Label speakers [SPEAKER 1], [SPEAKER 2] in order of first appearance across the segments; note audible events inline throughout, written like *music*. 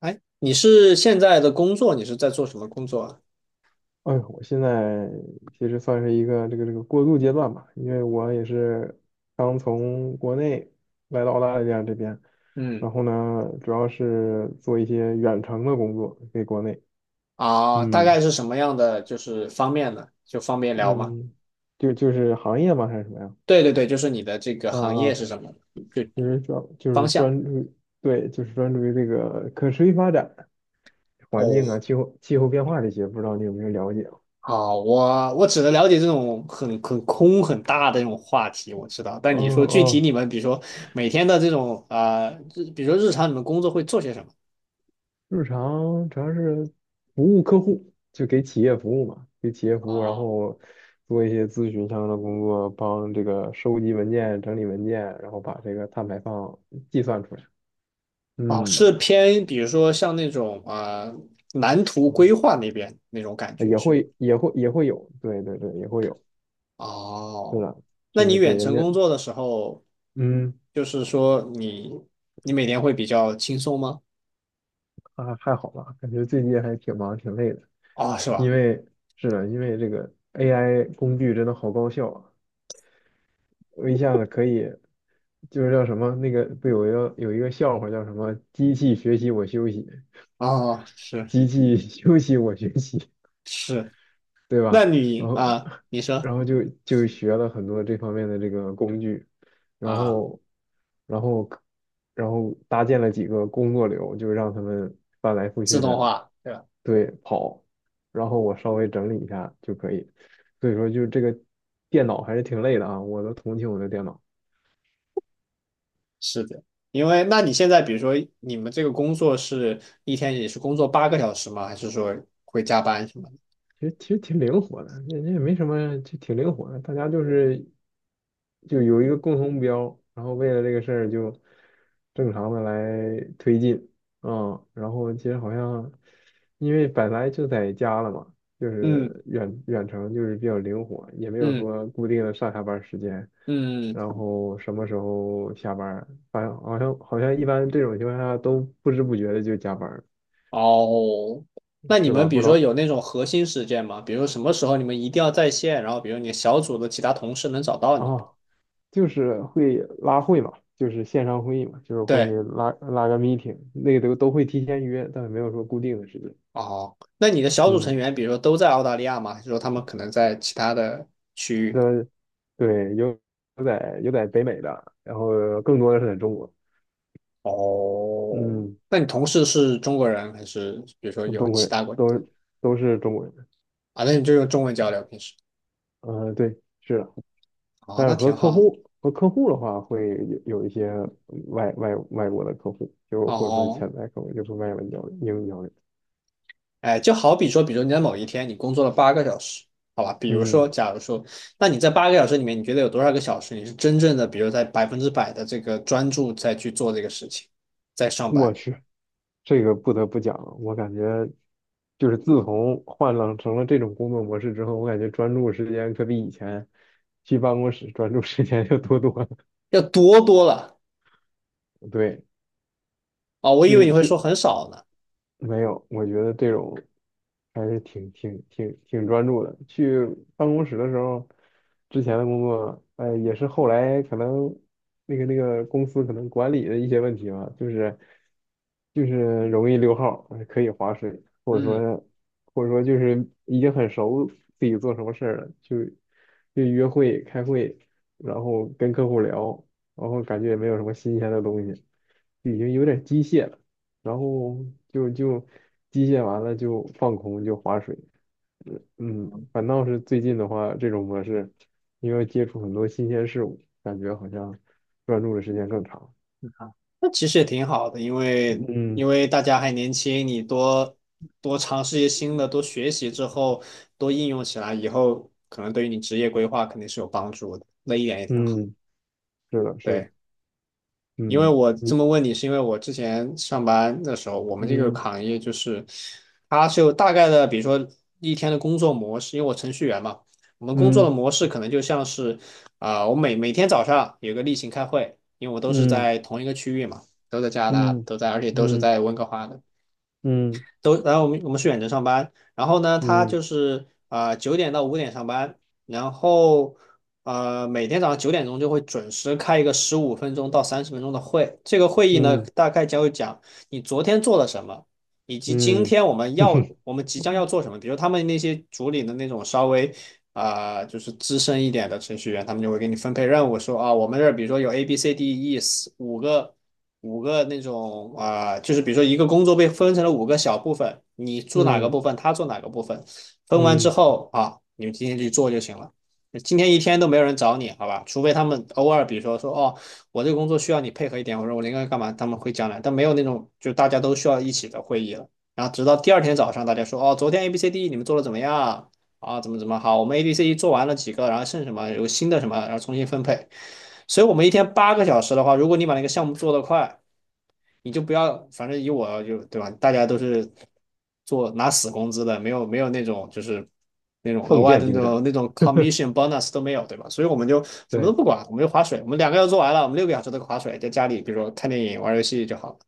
[SPEAKER 1] 哎，你是现在的工作，你是在做什么工作啊？
[SPEAKER 2] 哎呦，我现在其实算是一个这个过渡阶段吧，因为我也是刚从国内来到澳大利亚这边，
[SPEAKER 1] 嗯，
[SPEAKER 2] 然后呢，主要是做一些远程的工作给国内，
[SPEAKER 1] 啊，大
[SPEAKER 2] 嗯
[SPEAKER 1] 概是什么样的就是方面呢？就方便聊吗？
[SPEAKER 2] 嗯，就是行业吗还是什么呀？
[SPEAKER 1] 对对对，就是你的这个行
[SPEAKER 2] 啊，
[SPEAKER 1] 业
[SPEAKER 2] 啊，
[SPEAKER 1] 是什么？就
[SPEAKER 2] 就是专就
[SPEAKER 1] 方
[SPEAKER 2] 是
[SPEAKER 1] 向。
[SPEAKER 2] 专注于对，就是专注于这个可持续发展、环境
[SPEAKER 1] 哦，
[SPEAKER 2] 啊、气候变化这些，不知道你有没有了解？
[SPEAKER 1] 好，我只能了解这种很空很大的这种话题，我知道。
[SPEAKER 2] 嗯
[SPEAKER 1] 但你说具体
[SPEAKER 2] 嗯。
[SPEAKER 1] 你们，比如说每天的这种比如说日常你们工作会做些什么？
[SPEAKER 2] 日常主要是服务客户，就给企业服务嘛，给企业服务，然
[SPEAKER 1] 啊，
[SPEAKER 2] 后做一些咨询相关的工作，帮这个收集文件、整理文件，然后把这个碳排放计算出来。
[SPEAKER 1] 哦，
[SPEAKER 2] 嗯，
[SPEAKER 1] 是偏比如说像那种蓝图规划那边那种感觉
[SPEAKER 2] 也
[SPEAKER 1] 是吗？
[SPEAKER 2] 会也会也会有，对对对，也会有，是
[SPEAKER 1] 哦，
[SPEAKER 2] 的，
[SPEAKER 1] 那
[SPEAKER 2] 就
[SPEAKER 1] 你
[SPEAKER 2] 是给
[SPEAKER 1] 远
[SPEAKER 2] 人
[SPEAKER 1] 程
[SPEAKER 2] 家，
[SPEAKER 1] 工作的时候，
[SPEAKER 2] 嗯，
[SPEAKER 1] 就是说你每天会比较轻松吗？
[SPEAKER 2] 啊，还好吧，感觉最近还挺忙挺累的，
[SPEAKER 1] 哦，是
[SPEAKER 2] 因
[SPEAKER 1] 吧？
[SPEAKER 2] 为是的，因为这个 AI 工具真的好高效啊，我一下子可以，就是叫什么那个不有一个笑话叫什么机器学习我休息，
[SPEAKER 1] 哦，是
[SPEAKER 2] 机器 *laughs* 休息我学习，
[SPEAKER 1] 是，
[SPEAKER 2] 对吧？
[SPEAKER 1] 那
[SPEAKER 2] 然
[SPEAKER 1] 你
[SPEAKER 2] 后
[SPEAKER 1] 啊，你说
[SPEAKER 2] 然后就学了很多这方面的这个工具，然
[SPEAKER 1] 啊，
[SPEAKER 2] 后然后然后搭建了几个工作流，就让他们翻来覆
[SPEAKER 1] 自
[SPEAKER 2] 去
[SPEAKER 1] 动
[SPEAKER 2] 的
[SPEAKER 1] 化，对吧？
[SPEAKER 2] 对跑，然后我稍微整理一下就可以。所以说就这个电脑还是挺累的啊，我都同情我的电脑。
[SPEAKER 1] 是的，因为那你现在比如说你们这个工作是一天也是工作八个小时吗？还是说会加班什么的？
[SPEAKER 2] 其实挺灵活的，那也没什么，就挺灵活的。大家就是就有一个共同目标，然后为了这个事儿就正常的来推进，嗯，然后其实好像因为本来就在家了嘛，就
[SPEAKER 1] 嗯
[SPEAKER 2] 是远程就是比较灵活，也没有
[SPEAKER 1] 嗯
[SPEAKER 2] 说固定的上下班时间，
[SPEAKER 1] 嗯，
[SPEAKER 2] 然后什么时候下班儿，反正好像一般这种情况下都不知不觉的就加班儿，
[SPEAKER 1] 哦，那你
[SPEAKER 2] 是吧？
[SPEAKER 1] 们比
[SPEAKER 2] 不
[SPEAKER 1] 如
[SPEAKER 2] 知
[SPEAKER 1] 说
[SPEAKER 2] 道
[SPEAKER 1] 有那种核心事件吗？比如说什么时候你们一定要在线，然后比如你小组的其他同事能找到
[SPEAKER 2] 啊。
[SPEAKER 1] 你。
[SPEAKER 2] 哦就是会拉会嘛，就是线上会议嘛，就是会
[SPEAKER 1] 对，
[SPEAKER 2] 拉个 meeting,那个都会提前约，但是没有说固定的时间。
[SPEAKER 1] 哦，那你的小组成
[SPEAKER 2] 嗯，
[SPEAKER 1] 员，比如说都在澳大利亚吗？还是说他们可能在其他的区域？
[SPEAKER 2] 的，对，有在北美的，然后更多的是在中国。
[SPEAKER 1] 哦，
[SPEAKER 2] 嗯，
[SPEAKER 1] 那你同事是中国人还是比如说有
[SPEAKER 2] 中国
[SPEAKER 1] 其
[SPEAKER 2] 人
[SPEAKER 1] 他国
[SPEAKER 2] 是中国人。
[SPEAKER 1] 啊？那你就用中文交流平时？
[SPEAKER 2] 呃，对，是的，
[SPEAKER 1] 哦，
[SPEAKER 2] 但
[SPEAKER 1] 那
[SPEAKER 2] 是
[SPEAKER 1] 挺好的。
[SPEAKER 2] 和客户的话，会有一些外国的客户，就或者说
[SPEAKER 1] 哦，
[SPEAKER 2] 潜在客户，就是外文交流、英语交流。
[SPEAKER 1] 哎，就好比说，比如你在某一天你工作了八个小时，好吧？比如说，
[SPEAKER 2] 嗯，
[SPEAKER 1] 假如说，那你在八个小时里面，你觉得有多少个小时你是真正的，比如在100%的这个专注在去做这个事情，在上
[SPEAKER 2] 我
[SPEAKER 1] 班，
[SPEAKER 2] 去。这个不得不讲，我感觉就是自从换了成了这种工作模式之后，我感觉专注时间可比以前去办公室专注时间要多多了。
[SPEAKER 1] 要多多了
[SPEAKER 2] 对，
[SPEAKER 1] 啊，我以为
[SPEAKER 2] 去
[SPEAKER 1] 你会说
[SPEAKER 2] 去
[SPEAKER 1] 很少呢，
[SPEAKER 2] 没有，我觉得这种还是挺专注的。去办公室的时候，之前的工作，呃，也是后来可能那个公司可能管理的一些问题吧，就是容易溜号儿可以划水，或者
[SPEAKER 1] 嗯，
[SPEAKER 2] 说或者说就是已经很熟自己做什么事儿了，就约会、开会，然后跟客户聊，然后感觉也没有什么新鲜的东西，就已经有点机械了。然后就机械完了就放空就划水，嗯，反倒是最近的话，这种模式，因为接触很多新鲜事物，感觉好像专注的时间更长。
[SPEAKER 1] 那其实也挺好的，因为因
[SPEAKER 2] 嗯
[SPEAKER 1] 为大家还年轻，你多多尝试一些新的，多学习之后，多应用起来，以后可能对于你职业规划肯定是有帮助的，那一点也挺好，
[SPEAKER 2] 嗯，是的，是的，
[SPEAKER 1] 对。因为
[SPEAKER 2] 嗯，
[SPEAKER 1] 我这
[SPEAKER 2] 你
[SPEAKER 1] 么问你，是因为我之前上班的时候，我们这个
[SPEAKER 2] 嗯
[SPEAKER 1] 行业就是，它是有大概的，比如说一天的工作模式，因为我程序员嘛，我们工作的
[SPEAKER 2] 嗯
[SPEAKER 1] 模式可能就像是，啊、我每天早上有个例行开会，因为我都是
[SPEAKER 2] 嗯
[SPEAKER 1] 在同一个区域嘛，都在加拿大，
[SPEAKER 2] 嗯
[SPEAKER 1] 而且都是
[SPEAKER 2] 嗯
[SPEAKER 1] 在温哥华的，
[SPEAKER 2] 嗯
[SPEAKER 1] 然后我们是远程上班，然后呢，他
[SPEAKER 2] 嗯
[SPEAKER 1] 就是啊九点到5点上班，然后每天早上9点钟就会准时开一个15分钟到30分钟的会，这个会议呢
[SPEAKER 2] 嗯
[SPEAKER 1] 大概将会讲你昨天做了什么，以及今
[SPEAKER 2] 嗯，
[SPEAKER 1] 天
[SPEAKER 2] 哼哼，
[SPEAKER 1] 我们即将要做什么，比如他们那些组里的那种稍微。啊、就是资深一点的程序员，他们就会给你分配任务，说啊，我们这儿比如说有 A、B、C、D、E 四五个五个那种啊、就是比如说一个工作被分成了五个小部分，你做哪个
[SPEAKER 2] 嗯
[SPEAKER 1] 部分，他做哪个部分，
[SPEAKER 2] *laughs*
[SPEAKER 1] 分完之
[SPEAKER 2] 嗯，
[SPEAKER 1] 后啊，你们今天去做就行了。今天一天都没有人找你，好吧？除非他们偶尔，比如说哦，我这个工作需要你配合一点，我说我应个干嘛，他们会讲来，但没有那种就大家都需要一起的会议了。然后直到第二天早上，大家说哦，昨天 A B C D 你们做的怎么样啊？怎么好？我们 A B C D 做完了几个，然后剩什么有新的什么，然后重新分配。所以我们一天八个小时的话，如果你把那个项目做得快，你就不要，反正以我就对吧？大家都是做拿死工资的，没有那种就是那种额
[SPEAKER 2] 奉
[SPEAKER 1] 外
[SPEAKER 2] 献
[SPEAKER 1] 的那
[SPEAKER 2] 精神，
[SPEAKER 1] 种那种 commission bonus 都没有，对吧？所以我们就什么都
[SPEAKER 2] 对，
[SPEAKER 1] 不管，我们就划水，我们两个要做完了，我们6个小时都划水，在家里比如说看电影、玩游戏就好。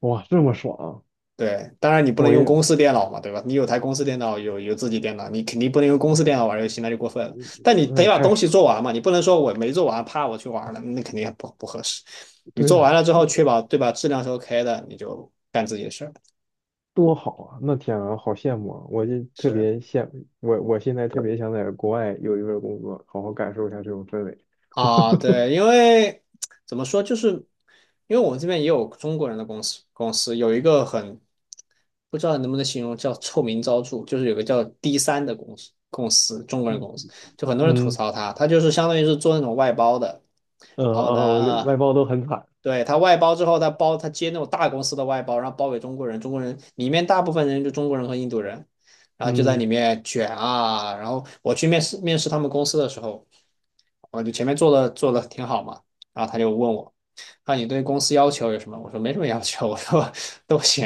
[SPEAKER 2] 哇，这么爽啊，
[SPEAKER 1] 对，当然你不能
[SPEAKER 2] 我
[SPEAKER 1] 用
[SPEAKER 2] 也，
[SPEAKER 1] 公司电脑嘛，对吧？你有台公司电脑，有自己电脑，你肯定不能用公
[SPEAKER 2] 哎
[SPEAKER 1] 司电脑玩游戏，那就过分了。但你
[SPEAKER 2] 呦，那
[SPEAKER 1] 得
[SPEAKER 2] 也
[SPEAKER 1] 把
[SPEAKER 2] 太
[SPEAKER 1] 东
[SPEAKER 2] 爽，
[SPEAKER 1] 西做完嘛，你不能说我没做完，怕我去玩了，那肯定不合适。你
[SPEAKER 2] 对
[SPEAKER 1] 做完
[SPEAKER 2] 呀。
[SPEAKER 1] 了之后，确保对吧，质量是 OK 的，你就干自己的事儿。
[SPEAKER 2] 多好啊！那天啊，好羡慕啊！我就特
[SPEAKER 1] 是，
[SPEAKER 2] 别羡，我现在特别想在国外有一份工作，好好感受一下这种氛围。
[SPEAKER 1] 啊，对，因为怎么说，就是因为我们这边也有中国人的公司，公司有一个很不知道能不能形容叫臭名昭著，就是有个叫 D3的公司，公司中国人
[SPEAKER 2] 嗯
[SPEAKER 1] 公司，就很多人吐
[SPEAKER 2] 嗯
[SPEAKER 1] 槽他，他就是相当于是做那种外包的，
[SPEAKER 2] 呃
[SPEAKER 1] 然后
[SPEAKER 2] 哦，
[SPEAKER 1] 呢。
[SPEAKER 2] 外包都很惨。
[SPEAKER 1] 对，他外包之后，他接那种大公司的外包，然后包给中国人，中国人里面大部分人就中国人和印度人，然后就在
[SPEAKER 2] 嗯
[SPEAKER 1] 里面卷啊。然后我去面试他们公司的时候，我就前面做的挺好嘛，然后他就问我，啊，你对公司要求有什么？我说没什么要求，我说都行。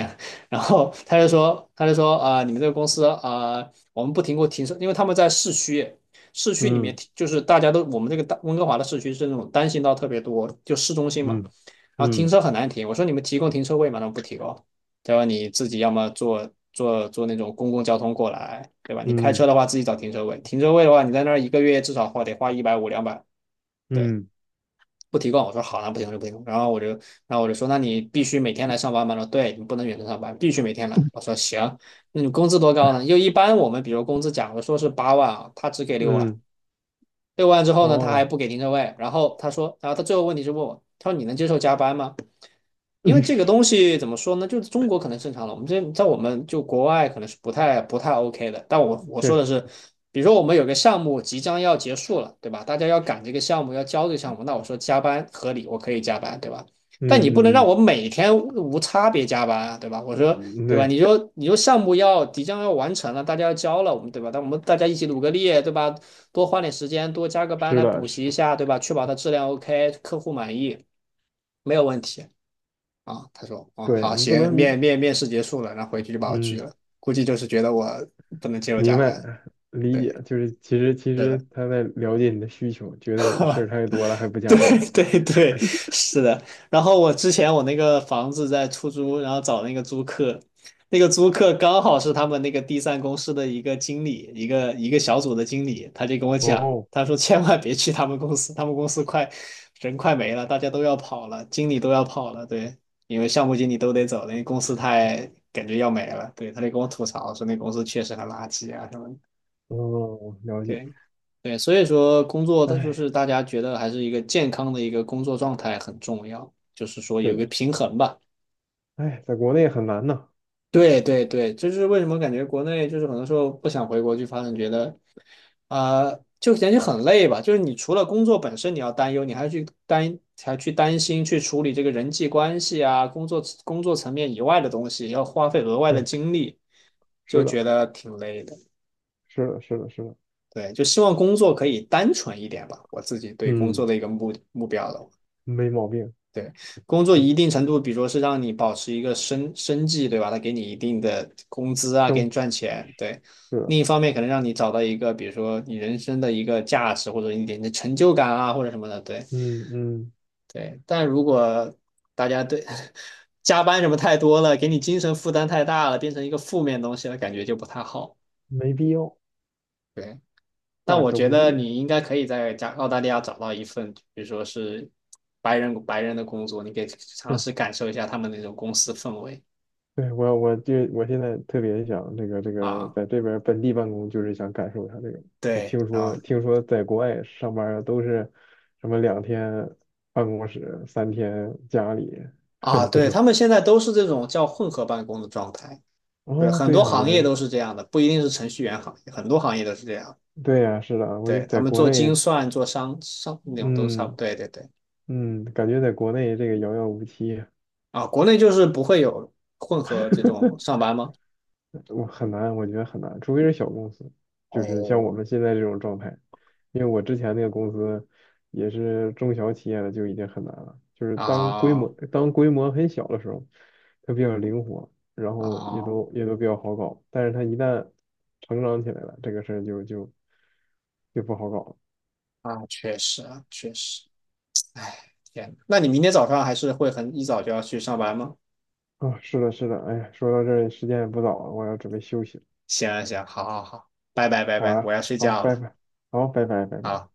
[SPEAKER 1] 然后他就说啊、你们这个公司啊、我们不停过停车，因为他们在市区。市区里面
[SPEAKER 2] 嗯
[SPEAKER 1] 就是大家都，我们这个大温哥华的市区是那种单行道特别多，就市中心嘛。
[SPEAKER 2] 嗯
[SPEAKER 1] 然后停
[SPEAKER 2] 嗯
[SPEAKER 1] 车很难停，我说你们提供停车位吗？他们不提供，他说你自己要么坐那种公共交通过来，对吧？你开车
[SPEAKER 2] 嗯
[SPEAKER 1] 的话自己找停车位，停车位的话你在那儿一个月至少花得花150200，对，
[SPEAKER 2] 嗯
[SPEAKER 1] 不提供。我说好，那不行就不提供。然后我就说那你必须每天来上班吗？他说对，你不能远程上班，必须每天来。我说行，那你工资多高呢？又一般我们比如工资假如说是8万啊，他只给六万，
[SPEAKER 2] 嗯
[SPEAKER 1] 六万之后呢他还
[SPEAKER 2] 哦，
[SPEAKER 1] 不给停车位，然后他说，然后他最后问题是问我，他说你能接受加班吗？因为这个
[SPEAKER 2] *laughs*
[SPEAKER 1] 东西怎么说呢？就是中国可能正常了，我们这在我们就国外可能是不太 OK 的。但我
[SPEAKER 2] 确
[SPEAKER 1] 说
[SPEAKER 2] 实，
[SPEAKER 1] 的是，比如说我们有个项目即将要结束了，对吧？大家要赶这个项目，要交这个项目，那我说加班合理，我可以加班，对吧？但你不能
[SPEAKER 2] 嗯
[SPEAKER 1] 让
[SPEAKER 2] 嗯
[SPEAKER 1] 我每天无差别加班啊，对吧？我说，
[SPEAKER 2] 嗯嗯，
[SPEAKER 1] 对吧？你
[SPEAKER 2] 对，
[SPEAKER 1] 说你说项目要即将要完成了，大家要交了，我们对吧？但我们大家一起努个力，对吧？多花点时间，多加个班
[SPEAKER 2] 是
[SPEAKER 1] 来
[SPEAKER 2] 的，
[SPEAKER 1] 补
[SPEAKER 2] 是，
[SPEAKER 1] 习一下，对吧？确保它质量 OK，客户满意，没有问题。啊，他说哦
[SPEAKER 2] 对
[SPEAKER 1] 好
[SPEAKER 2] 你不
[SPEAKER 1] 行，
[SPEAKER 2] 能，你
[SPEAKER 1] 面试结束了，然后回去就把我拒
[SPEAKER 2] 嗯，
[SPEAKER 1] 了，估计就是觉得我不能接受
[SPEAKER 2] 明
[SPEAKER 1] 加班。
[SPEAKER 2] 白理
[SPEAKER 1] 对，
[SPEAKER 2] 解，
[SPEAKER 1] 是
[SPEAKER 2] 就是其实其
[SPEAKER 1] 的
[SPEAKER 2] 实他在了解你的需求，觉得你的事儿
[SPEAKER 1] *laughs*
[SPEAKER 2] 太多了还不加班儿。
[SPEAKER 1] 对对对，是的。然后我之前我那个房子在出租，然后找那个租客，那个租客刚好是他们那个第三公司的一个经理，一个小组的经理，他就跟我讲，
[SPEAKER 2] 哦，
[SPEAKER 1] 他说千万别去他们公司，他们公司快人快没了，大家都要跑了，经理都要跑了，对，因为项目经理都得走了，那公司太感觉要没了，对，他就跟我吐槽说那公司确实很垃圾啊什么的，
[SPEAKER 2] 哦，了解。
[SPEAKER 1] 对。对，所以说工作的就是
[SPEAKER 2] 哎，
[SPEAKER 1] 大家觉得还是一个健康的一个工作状态很重要，就是说有
[SPEAKER 2] 对
[SPEAKER 1] 一
[SPEAKER 2] 的，
[SPEAKER 1] 个平衡吧。
[SPEAKER 2] 哎，在国内很难呢。
[SPEAKER 1] 对对对，这是为什么感觉国内就是很多时候不想回国去发展，觉得啊、就感觉很累吧。就是你除了工作本身你要担忧，你还要去担心去处理这个人际关系啊，工作层面以外的东西，要花费额外的
[SPEAKER 2] 对，
[SPEAKER 1] 精力，就
[SPEAKER 2] 是的，
[SPEAKER 1] 觉得挺累的。
[SPEAKER 2] 是的，是的，是的。
[SPEAKER 1] 对，就希望工作可以单纯一点吧，我自己对工作
[SPEAKER 2] 嗯，
[SPEAKER 1] 的一个目标了。
[SPEAKER 2] 没毛病。
[SPEAKER 1] 对，工作
[SPEAKER 2] 嗯，
[SPEAKER 1] 一定程度，比如说是让你保持一个生计，对吧？他给你一定的工资啊，给
[SPEAKER 2] 生，
[SPEAKER 1] 你赚钱，对。
[SPEAKER 2] 是的。
[SPEAKER 1] 另一方面，可能让你找到一个，比如说你人生的一个价值，或者一点的成就感啊，或者什么的，对
[SPEAKER 2] 嗯嗯，
[SPEAKER 1] 对。但如果大家对 *laughs* 加班什么太多了，给你精神负担太大了，变成一个负面东西了，感觉就不太好。
[SPEAKER 2] 没必要，
[SPEAKER 1] 对。但
[SPEAKER 2] 大
[SPEAKER 1] 我
[SPEAKER 2] 可
[SPEAKER 1] 觉
[SPEAKER 2] 不
[SPEAKER 1] 得
[SPEAKER 2] 必。
[SPEAKER 1] 你应该可以在澳大利亚找到一份，比如说是白人的工作，你可以尝
[SPEAKER 2] 是，
[SPEAKER 1] 试感受一下他们那种公司氛围
[SPEAKER 2] 对，我现在特别想这个，
[SPEAKER 1] 啊。
[SPEAKER 2] 在这边本地办公，就是想感受一下这个。就
[SPEAKER 1] 对
[SPEAKER 2] 听说
[SPEAKER 1] 啊
[SPEAKER 2] 听说在国外上班儿都是什么两天办公室，三天家里
[SPEAKER 1] 啊，
[SPEAKER 2] *laughs* 这
[SPEAKER 1] 对，他
[SPEAKER 2] 种。
[SPEAKER 1] 们现在都是这种叫混合办公的状态。对，
[SPEAKER 2] 哦，
[SPEAKER 1] 很
[SPEAKER 2] 对
[SPEAKER 1] 多
[SPEAKER 2] 呀，我
[SPEAKER 1] 行业都是这样的，不一定是程序员行业，很多行业都是这样。
[SPEAKER 2] 对呀，是的，我就
[SPEAKER 1] 对，他
[SPEAKER 2] 在
[SPEAKER 1] 们
[SPEAKER 2] 国
[SPEAKER 1] 做
[SPEAKER 2] 内
[SPEAKER 1] 精算、做商那种都差不
[SPEAKER 2] 嗯
[SPEAKER 1] 多。对对对
[SPEAKER 2] 嗯，感觉在国内这个遥遥无期，
[SPEAKER 1] 啊，国内就是不会有混合这种上班吗？
[SPEAKER 2] 我很难，我觉得很难，除非是小公司，就是像我
[SPEAKER 1] 哦，
[SPEAKER 2] 们现在这种状态。因为我之前那个公司也是中小企业的，就已经很难了。就是当规模
[SPEAKER 1] 啊
[SPEAKER 2] 当规模很小的时候，它比较灵活，然后也
[SPEAKER 1] 啊
[SPEAKER 2] 都也都比较好搞。但是它一旦成长起来了，这个事儿就不好搞
[SPEAKER 1] 啊，确实啊，确实。天，那你明天早上还是会很一早就要去上班吗？
[SPEAKER 2] 了啊。是的，是的，哎呀，说到这儿时间也不早了，我要准备休息了。
[SPEAKER 1] 行啊行啊好好好，拜拜拜
[SPEAKER 2] 好
[SPEAKER 1] 拜，
[SPEAKER 2] 呀，
[SPEAKER 1] 我要睡
[SPEAKER 2] 好，
[SPEAKER 1] 觉
[SPEAKER 2] 拜
[SPEAKER 1] 了，
[SPEAKER 2] 拜，好，拜拜，拜拜。
[SPEAKER 1] 好。